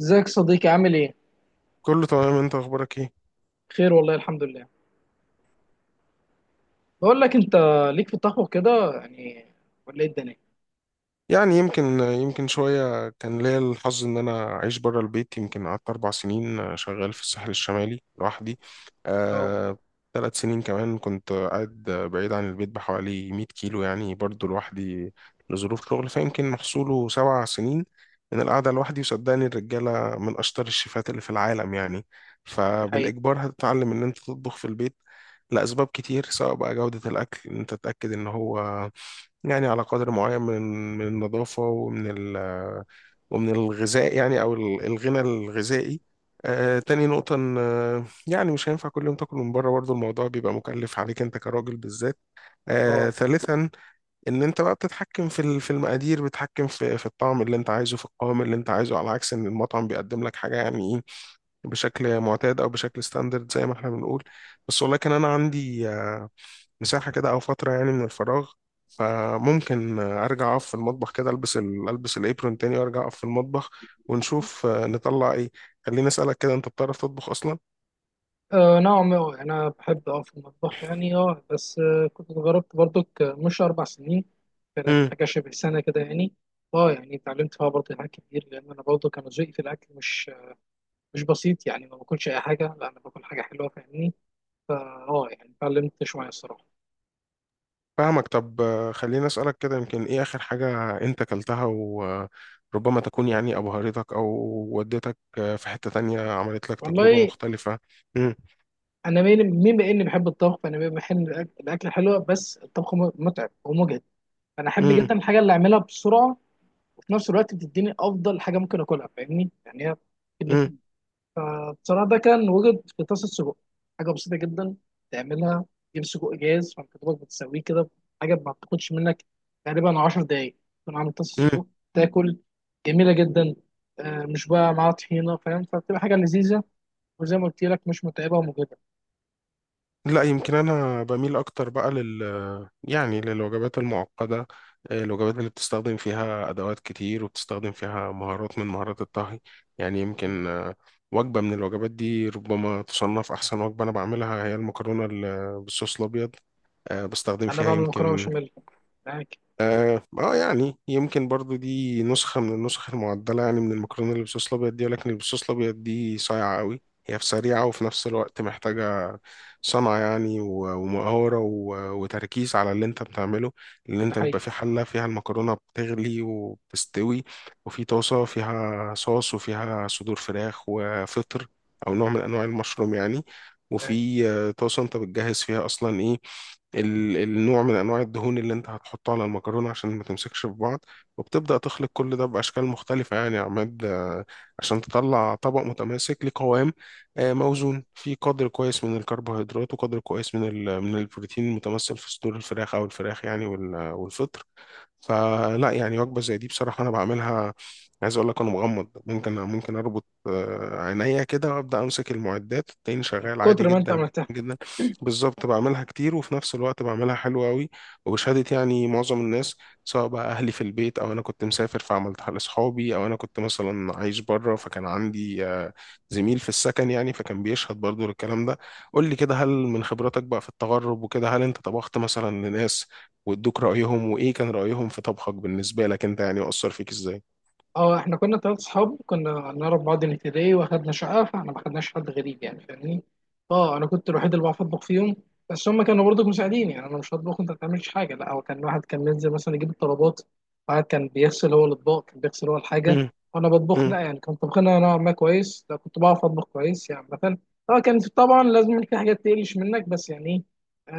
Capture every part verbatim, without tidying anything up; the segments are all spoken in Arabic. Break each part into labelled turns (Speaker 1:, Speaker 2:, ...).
Speaker 1: ازيك صديقي، عامل ايه؟
Speaker 2: كله تمام، انت اخبارك ايه؟
Speaker 1: بخير والله، الحمد لله. بقول لك انت، ليك في الطبخ كده يعني، ولا ايه الدنيا؟
Speaker 2: يعني يمكن يمكن شويه كان ليا الحظ ان انا اعيش بره البيت. يمكن قعدت اربع سنين، آه، شغال في الساحل الشمالي لوحدي.
Speaker 1: اه،
Speaker 2: آه ثلاث سنين كمان كنت قاعد بعيد عن البيت بحوالي 100 كيلو يعني برضو لوحدي لظروف شغل، فيمكن محصوله سبع سنين من القعده لوحدي. وصدقني الرجاله من اشطر الشيفات اللي في العالم، يعني
Speaker 1: ده حقيقي.
Speaker 2: فبالاجبار هتتعلم ان انت تطبخ في البيت لاسباب كتير. سواء بقى جوده الاكل ان انت تتاكد ان هو يعني على قدر معين من من النظافة، ومن ال ومن الغذاء يعني، أو ال- الغنى الغذائي. آه تاني نقطة إن آه، يعني مش هينفع كل يوم تاكل من بره، برضه الموضوع بيبقى مكلف عليك أنت كراجل بالذات. آه
Speaker 1: اه،
Speaker 2: ثالثا، إن أنت بقى بتتحكم في ال- في المقادير، بتتحكم في في الطعم اللي أنت عايزه، في القوام اللي أنت عايزه، على عكس إن المطعم بيقدم لك حاجة يعني إيه، بشكل معتاد أو بشكل ستاندرد زي ما إحنا بنقول. بس ولكن أنا عندي آه، مساحة كده أو فترة يعني من الفراغ، فممكن أرجع أقف في المطبخ كده، ألبس ال... ألبس الإبرون تاني وأرجع أقف في المطبخ ونشوف آه، نطلع إيه. خليني أسألك كده، أنت بتعرف تطبخ أصلا؟
Speaker 1: آه، نعم. آه، انا بحب اه في المطبخ يعني. اه بس آه، كنت جربت برضك، آه، مش اربع سنين، كانت
Speaker 2: امم.
Speaker 1: حاجه شبه سنه كده يعني. اه يعني اتعلمت فيها برضه حاجات كتير، لان انا برضه كان ذوقي في الاكل مش مش بسيط يعني. ما باكلش اي حاجه، لا انا باكل حاجه حلوه، فاهمني. فا اه يعني اتعلمت شويه الصراحه.
Speaker 2: فاهمك. طب آه، خليني أسألك كده، يمكن إيه آخر حاجة أنت أكلتها وربما تكون يعني أبهرتك أو ودتك آه، في حتة تانية، عملت لك تجربة
Speaker 1: والله
Speaker 2: مختلفة؟ امم.
Speaker 1: انا مين مين بما اني بحب الطبخ، فانا بحب الأك- الاكل حلو، بس الطبخ م- متعب ومجهد. انا احب جدا الحاجه اللي اعملها بسرعه، وفي نفس الوقت بتديني افضل حاجه ممكن اكلها، فاهمني يعني هي الاتنين. فبصراحه ده كان وجد في طاسه سجق، حاجه بسيطه جدا تعملها، تجيب سجق جاهز فانت دوبك بتسويه كده، حاجه ما بتاخدش منك تقريبا 10 دقايق تكون عامل طاسه
Speaker 2: امم.
Speaker 1: سجق، تاكل. جميله جدا، آه، مش بقى معاها طحينه فاهم، فبتبقى حاجه لذيذه. وزي ما قلت لك مش متعبه ومجهده.
Speaker 2: لا، يمكن انا بميل اكتر بقى لل يعني للوجبات المعقده. آه، الوجبات اللي بتستخدم فيها ادوات كتير وبتستخدم فيها مهارات من مهارات الطهي. يعني يمكن آه، وجبه من الوجبات دي ربما تصنف احسن وجبه انا بعملها، هي المكرونه ال- بالصوص الابيض. آه، بستخدم
Speaker 1: انا
Speaker 2: فيها
Speaker 1: بعمل مكرونه
Speaker 2: يمكن،
Speaker 1: بشاميل معاك.
Speaker 2: اه آه، يعني يمكن برضو دي نسخة من النسخ المعدلة يعني من المكرونة اللي بالصوص الأبيض دي، ولكن اللي بالصوص الأبيض دي صايعة قوي. هي في سريعة وفي نفس الوقت محتاجة صنعة يعني، و- ومهارة، و- وتركيز على اللي انت بتعمله. اللي
Speaker 1: ده
Speaker 2: انت بيبقى
Speaker 1: حقيقي.
Speaker 2: في حلة فيها المكرونة بتغلي وبتستوي، وفي طاسة فيها صوص وفيها صدور فراخ وفطر، أو نوع من أنواع المشروم يعني،
Speaker 1: يعني
Speaker 2: وفي آه، طاسة انت بتجهز فيها أصلا إيه، ال- النوع من انواع الدهون اللي انت هتحطه على المكرونه عشان ما تمسكش في بعض. وبتبدا تخلط كل ده باشكال مختلفه، يعني يا عماد، آه، عشان تطلع طبق متماسك لقوام، آه،
Speaker 1: بالظبط.
Speaker 2: موزون، فيه قدر كويس من الكربوهيدرات، وقدر كويس من ال- من البروتين المتمثل في صدور الفراخ او الفراخ يعني، وال- والفطر. فلا يعني وجبة زي دي بصراحة أنا بعملها، عايز أقول لك أنا مغمض. ممكن ممكن أربط آه، عينيا كده وأبدأ أمسك المعدات التاني،
Speaker 1: من
Speaker 2: شغال عادي
Speaker 1: كتر ما انت
Speaker 2: جدا جدا
Speaker 1: عملتها.
Speaker 2: جدا. بالظبط، بعملها كتير وفي نفس الوقت بعملها حلوة أوي، وبشهادة يعني معظم الناس، سواء بقى أهلي في البيت، أو أنا كنت مسافر فعملتها لأصحابي، أو أنا كنت مثلا عايش بره فكان عندي آه، زميل في السكن يعني، فكان بيشهد برضو للكلام ده. قول لي كده، هل من خبراتك بقى في التغرب وكده هل أنت طبخت مثلا لناس وادوك رأيهم، وايه كان رأيهم في طبخك بالنسبة لك انت يعني، وأثر فيك ازاي؟
Speaker 1: اه احنا كنا ثلاث صحاب كنا نعرف بعض من ابتدائي واخدنا شقه، فاحنا ما خدناش حد غريب يعني فاهمني. اه انا كنت الوحيد اللي بعرف اطبخ فيهم، بس هم كانوا برضه مساعدين. يعني انا مش هطبخ وانت ما بتعملش حاجه، لا هو كان واحد كان بينزل مثلا يجيب الطلبات، واحد كان بيغسل هو الاطباق كان بيغسل هو الحاجه،
Speaker 2: مم.
Speaker 1: وانا بطبخ.
Speaker 2: مم.
Speaker 1: لا يعني كان طبخنا نوعا ما كويس، لا كنت بعرف اطبخ كويس يعني مثلا. اه كان في- طبعا لازم في حاجات تقلش منك، بس يعني ايه،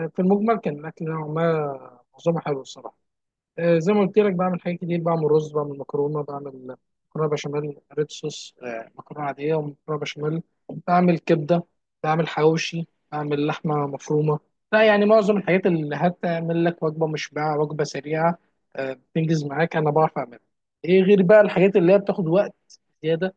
Speaker 1: آه، في المجمل كان الاكل نوعا ما معظمه حلو الصراحه. آه، زي ما قلت لك بعمل حاجات كتير، بعمل رز، بعمل مكرونه، بعمل مكرونه بشاميل ريد صوص، آه، مكرونه عاديه ومكرونه بشاميل، بعمل كبده، بعمل حواوشي، بعمل لحمه مفرومه. لا يعني معظم الحاجات اللي هتعمل لك وجبه مشبعه، وجبه سريعه، آه، بتنجز معاك انا بعرف اعملها. ايه غير بقى الحاجات اللي هي بتاخد وقت زياده،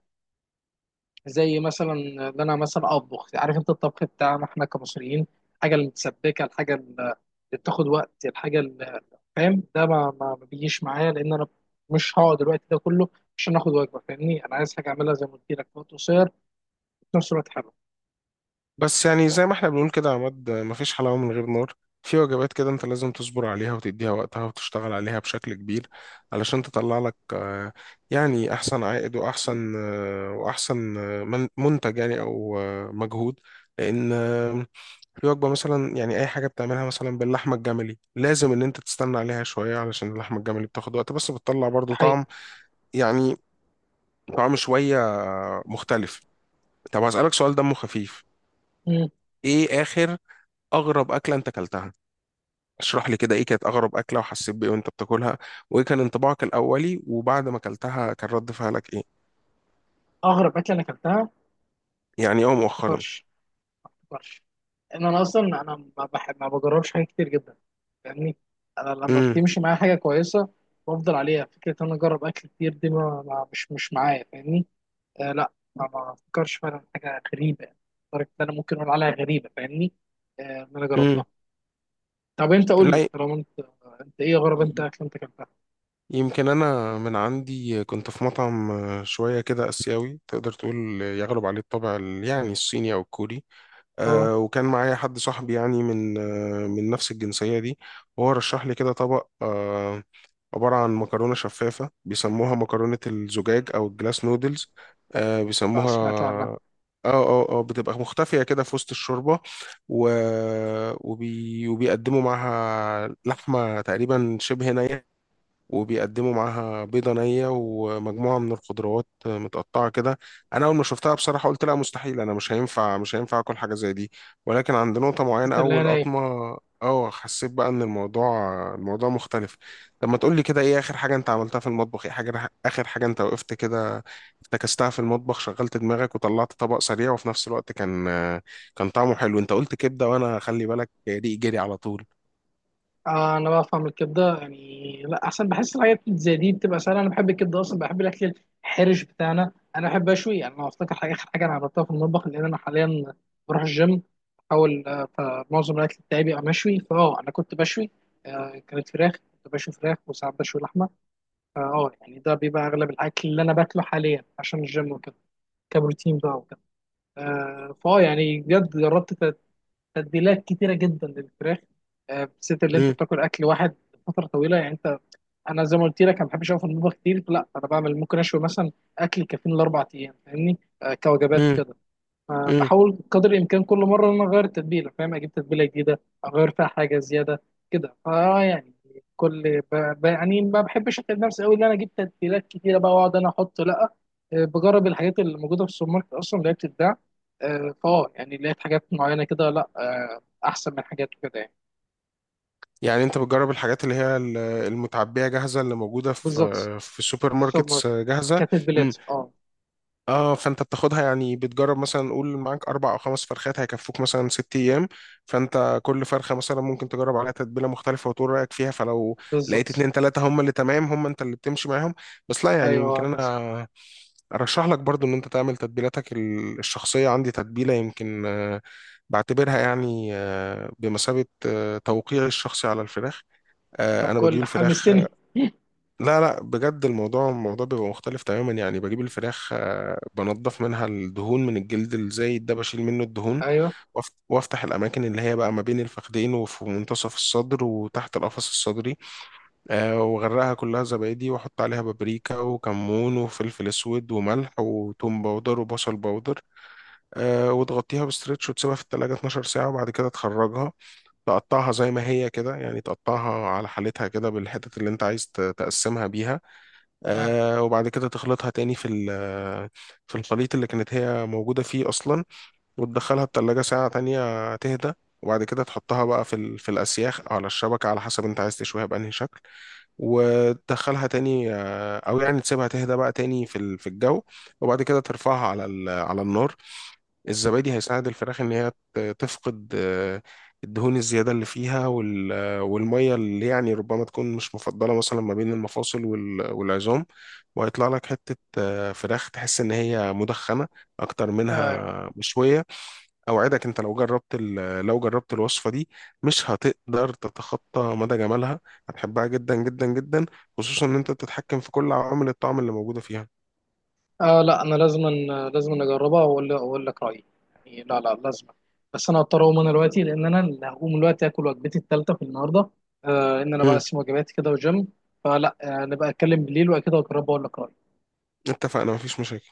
Speaker 1: زي مثلا ان انا مثلا اطبخ، عارف انت الطبخ بتاعنا احنا كمصريين، الحاجه المتسبكه، الحاجه اللي بتاخد وقت، الحاجه اللي فاهم، ده ما, ما ما بيجيش معايا لان انا مش هقعد الوقت ده كله عشان اخد وجبه، فاهمني انا عايز حاجه اعملها زي ما قلت لك في وقت قصير، في نفس الوقت حلو.
Speaker 2: بس يعني زي ما احنا بنقول كده يا عماد، آه، مفيش حلاوة من غير نار. في وجبات كده انت لازم تصبر عليها وتديها وقتها وتشتغل عليها بشكل كبير علشان تطلع لك آه، يعني احسن عائد، واحسن آه، واحسن آه، من- منتج يعني، او آه، مجهود. لان آه، في وجبة مثلا يعني، أي حاجة بتعملها مثلا باللحمة الجملي لازم إن أنت تستنى عليها شوية، علشان اللحمة الجملي بتاخد وقت، بس بتطلع
Speaker 1: ده
Speaker 2: برضو
Speaker 1: حقيقي.
Speaker 2: طعم يعني، طعم شوية مختلف. طب هسألك سؤال دمه خفيف،
Speaker 1: مم.
Speaker 2: ايه آخر، أغرب أكلة أنت أكلتها؟ اشرح لي كده، ايه كانت أغرب أكلة، وحسيت بإيه وأنت بتاكلها، وايه كان انطباعك الأولي، وبعد ما أكلتها كان رد فعلك ايه؟
Speaker 1: اغرب اكله انا اكلتها
Speaker 2: يعني اه مؤخرا.
Speaker 1: الطرش. الطرش ان انا اصلا انا ما بحب ما بجربش حاجات كتير جدا، فاهمني. انا لما
Speaker 2: امم.
Speaker 1: بتمشي معايا حاجه كويسه بفضل عليها، فكره ان انا اجرب اكل كتير دي ما ما- مش مش معايا، فاهمني. آه لا ما ما فكرش فعلا في حاجه غريبه يعني، لدرجه ان انا ممكن اقول عليها غريبه، فاهمني. آه ان انا
Speaker 2: امم.
Speaker 1: جربتها. طب انت قول لي
Speaker 2: لا،
Speaker 1: طالما انت، انت ايه غرب انت اكل انت كلتها.
Speaker 2: يمكن أنا من عندي كنت في مطعم شوية كده آسيوي تقدر تقول، يغلب عليه الطابع ال- يعني الصيني أو الكوري.
Speaker 1: اه
Speaker 2: أه وكان معايا حد صاحبي يعني من آه، من نفس الجنسية دي، وهو رشح لي كده طبق أه عبارة عن مكرونة شفافة بيسموها مكرونة الزجاج أو الجلاس نودلز، آه
Speaker 1: آه، سمعت عنها.
Speaker 2: بيسموها. اه اه اه بتبقى مختفية كده في وسط الشوربة، و... وبي... وبيقدموا معاها لحمة تقريبا شبه نية، وبيقدموا معاها بيضة نية ومجموعة من الخضروات متقطعة كده. أنا أول ما شفتها بصراحة قلت لا مستحيل، أنا مش هينفع مش هينفع آكل حاجة زي دي. ولكن عند نقطة معينة
Speaker 1: قلت اللي هي
Speaker 2: أول
Speaker 1: ناي.
Speaker 2: قطمة، أه حسيت بقى إن الموضوع الموضوع مختلف. طب ما تقول لي كده، إيه آخر حاجة أنت عملتها في المطبخ، إيه حاجة آخر حاجة أنت وقفت كده افتكستها في المطبخ، شغلت دماغك وطلعت طبق سريع وفي نفس الوقت كان كان طعمه حلو؟ أنت قلت كبدة وأنا خلي بالك ريقي جري على طول.
Speaker 1: آه انا بفهم الكبده يعني لا احسن، بحس الحاجات زي دي بتبقى سهله. انا بحب الكبده اصلا، بحب الاكل الحرش بتاعنا. انا بحب اشوي يعني. انا افتكر حاجه، اخر حاجه انا عملتها في المطبخ، لان انا حاليا بروح الجيم بحاول، آه، فمعظم الاكل بتاعي بيبقى مشوي. فاه انا كنت بشوي، آه كانت فراخ، كنت بشوي فراخ وساعات بشوي لحمه. فاه يعني ده بيبقى اغلب الاكل اللي انا باكله حاليا عشان الجيم وكده، كبروتين بقى وكده. آه فاه يعني بجد جربت تتبيلات كتيره جدا للفراخ، آه، بالذات اللي انت بتاكل اكل واحد فتره طويله يعني. انت، انا زي ما قلت لك انا ما بحبش اقف في المطبخ كتير، لا انا بعمل ممكن اشوي مثلا اكل كافيين لاربع ايام، فاهمني. آه، كوجبات وكده.
Speaker 2: امم.
Speaker 1: فبحاول قدر الامكان كل مره ان انا اغير التتبيله، فاهم اجيب تتبيله جديده اغير فيها حاجه زياده كده، فا يعني. كل ب... ب... يعني ما بحبش اتعب نفسي قوي ان انا اجيب تتبيلات كتيره بقى واقعد انا احط. لا آه، بجرب الحاجات اللي موجوده في السوبر ماركت اصلا اللي هي بتتباع، آه، فاه يعني لقيت حاجات معينه كده، لا آه، احسن من حاجات كده يعني.
Speaker 2: يعني انت بتجرب الحاجات اللي هي ال- المتعبية جاهزة اللي موجودة في
Speaker 1: بالظبط.
Speaker 2: في السوبر
Speaker 1: السوبر
Speaker 2: ماركتس
Speaker 1: ماركت،
Speaker 2: جاهزة. امم.
Speaker 1: كتتبيلات اه.
Speaker 2: اه فانت بتاخدها، يعني بتجرب مثلا، قول معاك اربع او خمس فرخات هيكفوك مثلا ست ايام، فانت كل فرخة مثلا ممكن تجرب عليها تتبيلة مختلفة وتقول رأيك فيها، فلو لقيت
Speaker 1: بالظبط.
Speaker 2: اتنين تلاتة هم اللي تمام، هم انت اللي بتمشي معاهم. بس لا، يعني
Speaker 1: ايوه
Speaker 2: يمكن
Speaker 1: هكذا.
Speaker 2: انا ارشح لك برضو ان انت تعمل تتبيلاتك ال- الشخصية. عندي تتبيلة يمكن آه، بعتبرها يعني آه، بمثابة آه، توقيعي الشخصي على الفراخ.
Speaker 1: طب
Speaker 2: آه، انا بجيب
Speaker 1: كل
Speaker 2: الفراخ
Speaker 1: حمستني.
Speaker 2: آه، لا لا، بجد الموضوع الموضوع بيبقى مختلف تماما. يعني بجيب الفراخ، آه، بنضف منها الدهون من الجلد الزايد ده، بشيل منه الدهون،
Speaker 1: ايوه،
Speaker 2: وأف- وافتح الاماكن اللي هي بقى ما بين الفخذين وفي منتصف الصدر وتحت القفص الصدري. آه، واغرقها كلها زبادي، واحط عليها بابريكا وكمون وفلفل اسود وملح وتوم باودر وبصل باودر. آه، وتغطيها بستريتش وتسيبها في التلاجة 12 ساعة، وبعد كده تخرجها تقطعها زي ما هي كده، يعني تقطعها على حالتها كده بالحتت اللي انت عايز ت- تقسمها بيها.
Speaker 1: ايوه،
Speaker 2: آه وبعد كده تخلطها تاني في ال- في الخليط اللي كانت هي موجودة فيه أصلا، وتدخلها التلاجة ساعة تانية تهدى. وبعد كده تحطها بقى في ال- في الأسياخ أو على الشبكة على حسب انت عايز تشويها بأنهي شكل، وتدخلها تاني آه، أو يعني تسيبها تهدى بقى تاني في ال- في الجو، وبعد كده ترفعها على ال- على النار. الزبادي هيساعد الفراخ ان هي ت- تفقد آه، الدهون الزياده اللي فيها، وال- آه، والميه اللي يعني ربما تكون مش مفضله، مثلا ما بين المفاصل وال- والعظام، وهيطلع لك حته آه، فراخ تحس ان هي مدخنه اكتر
Speaker 1: آه،
Speaker 2: منها مشويه. اوعدك انت لو جربت ال- لو جربت الوصفه دي مش هتقدر تتخطى مدى جمالها، هتحبها جدا جدا جدا، خصوصا ان انت بتتحكم في كل عوامل الطعم اللي موجوده فيها.
Speaker 1: آه، لا انا لازم، لازم اجربها واقول اقول لك رايي. يعني لا لا لازم. بس انا هضطر اقوم انا دلوقتي لان انا اللي هقوم دلوقتي اكل وجبتي الثالثه في النهارده. آه ان انا
Speaker 2: مم.
Speaker 1: بقسم وجباتي كده والجيم. فلا آه نبقى اتكلم بالليل وكده، واجربها واقول لك رايي.
Speaker 2: اتفقنا، مفيش مشاكل.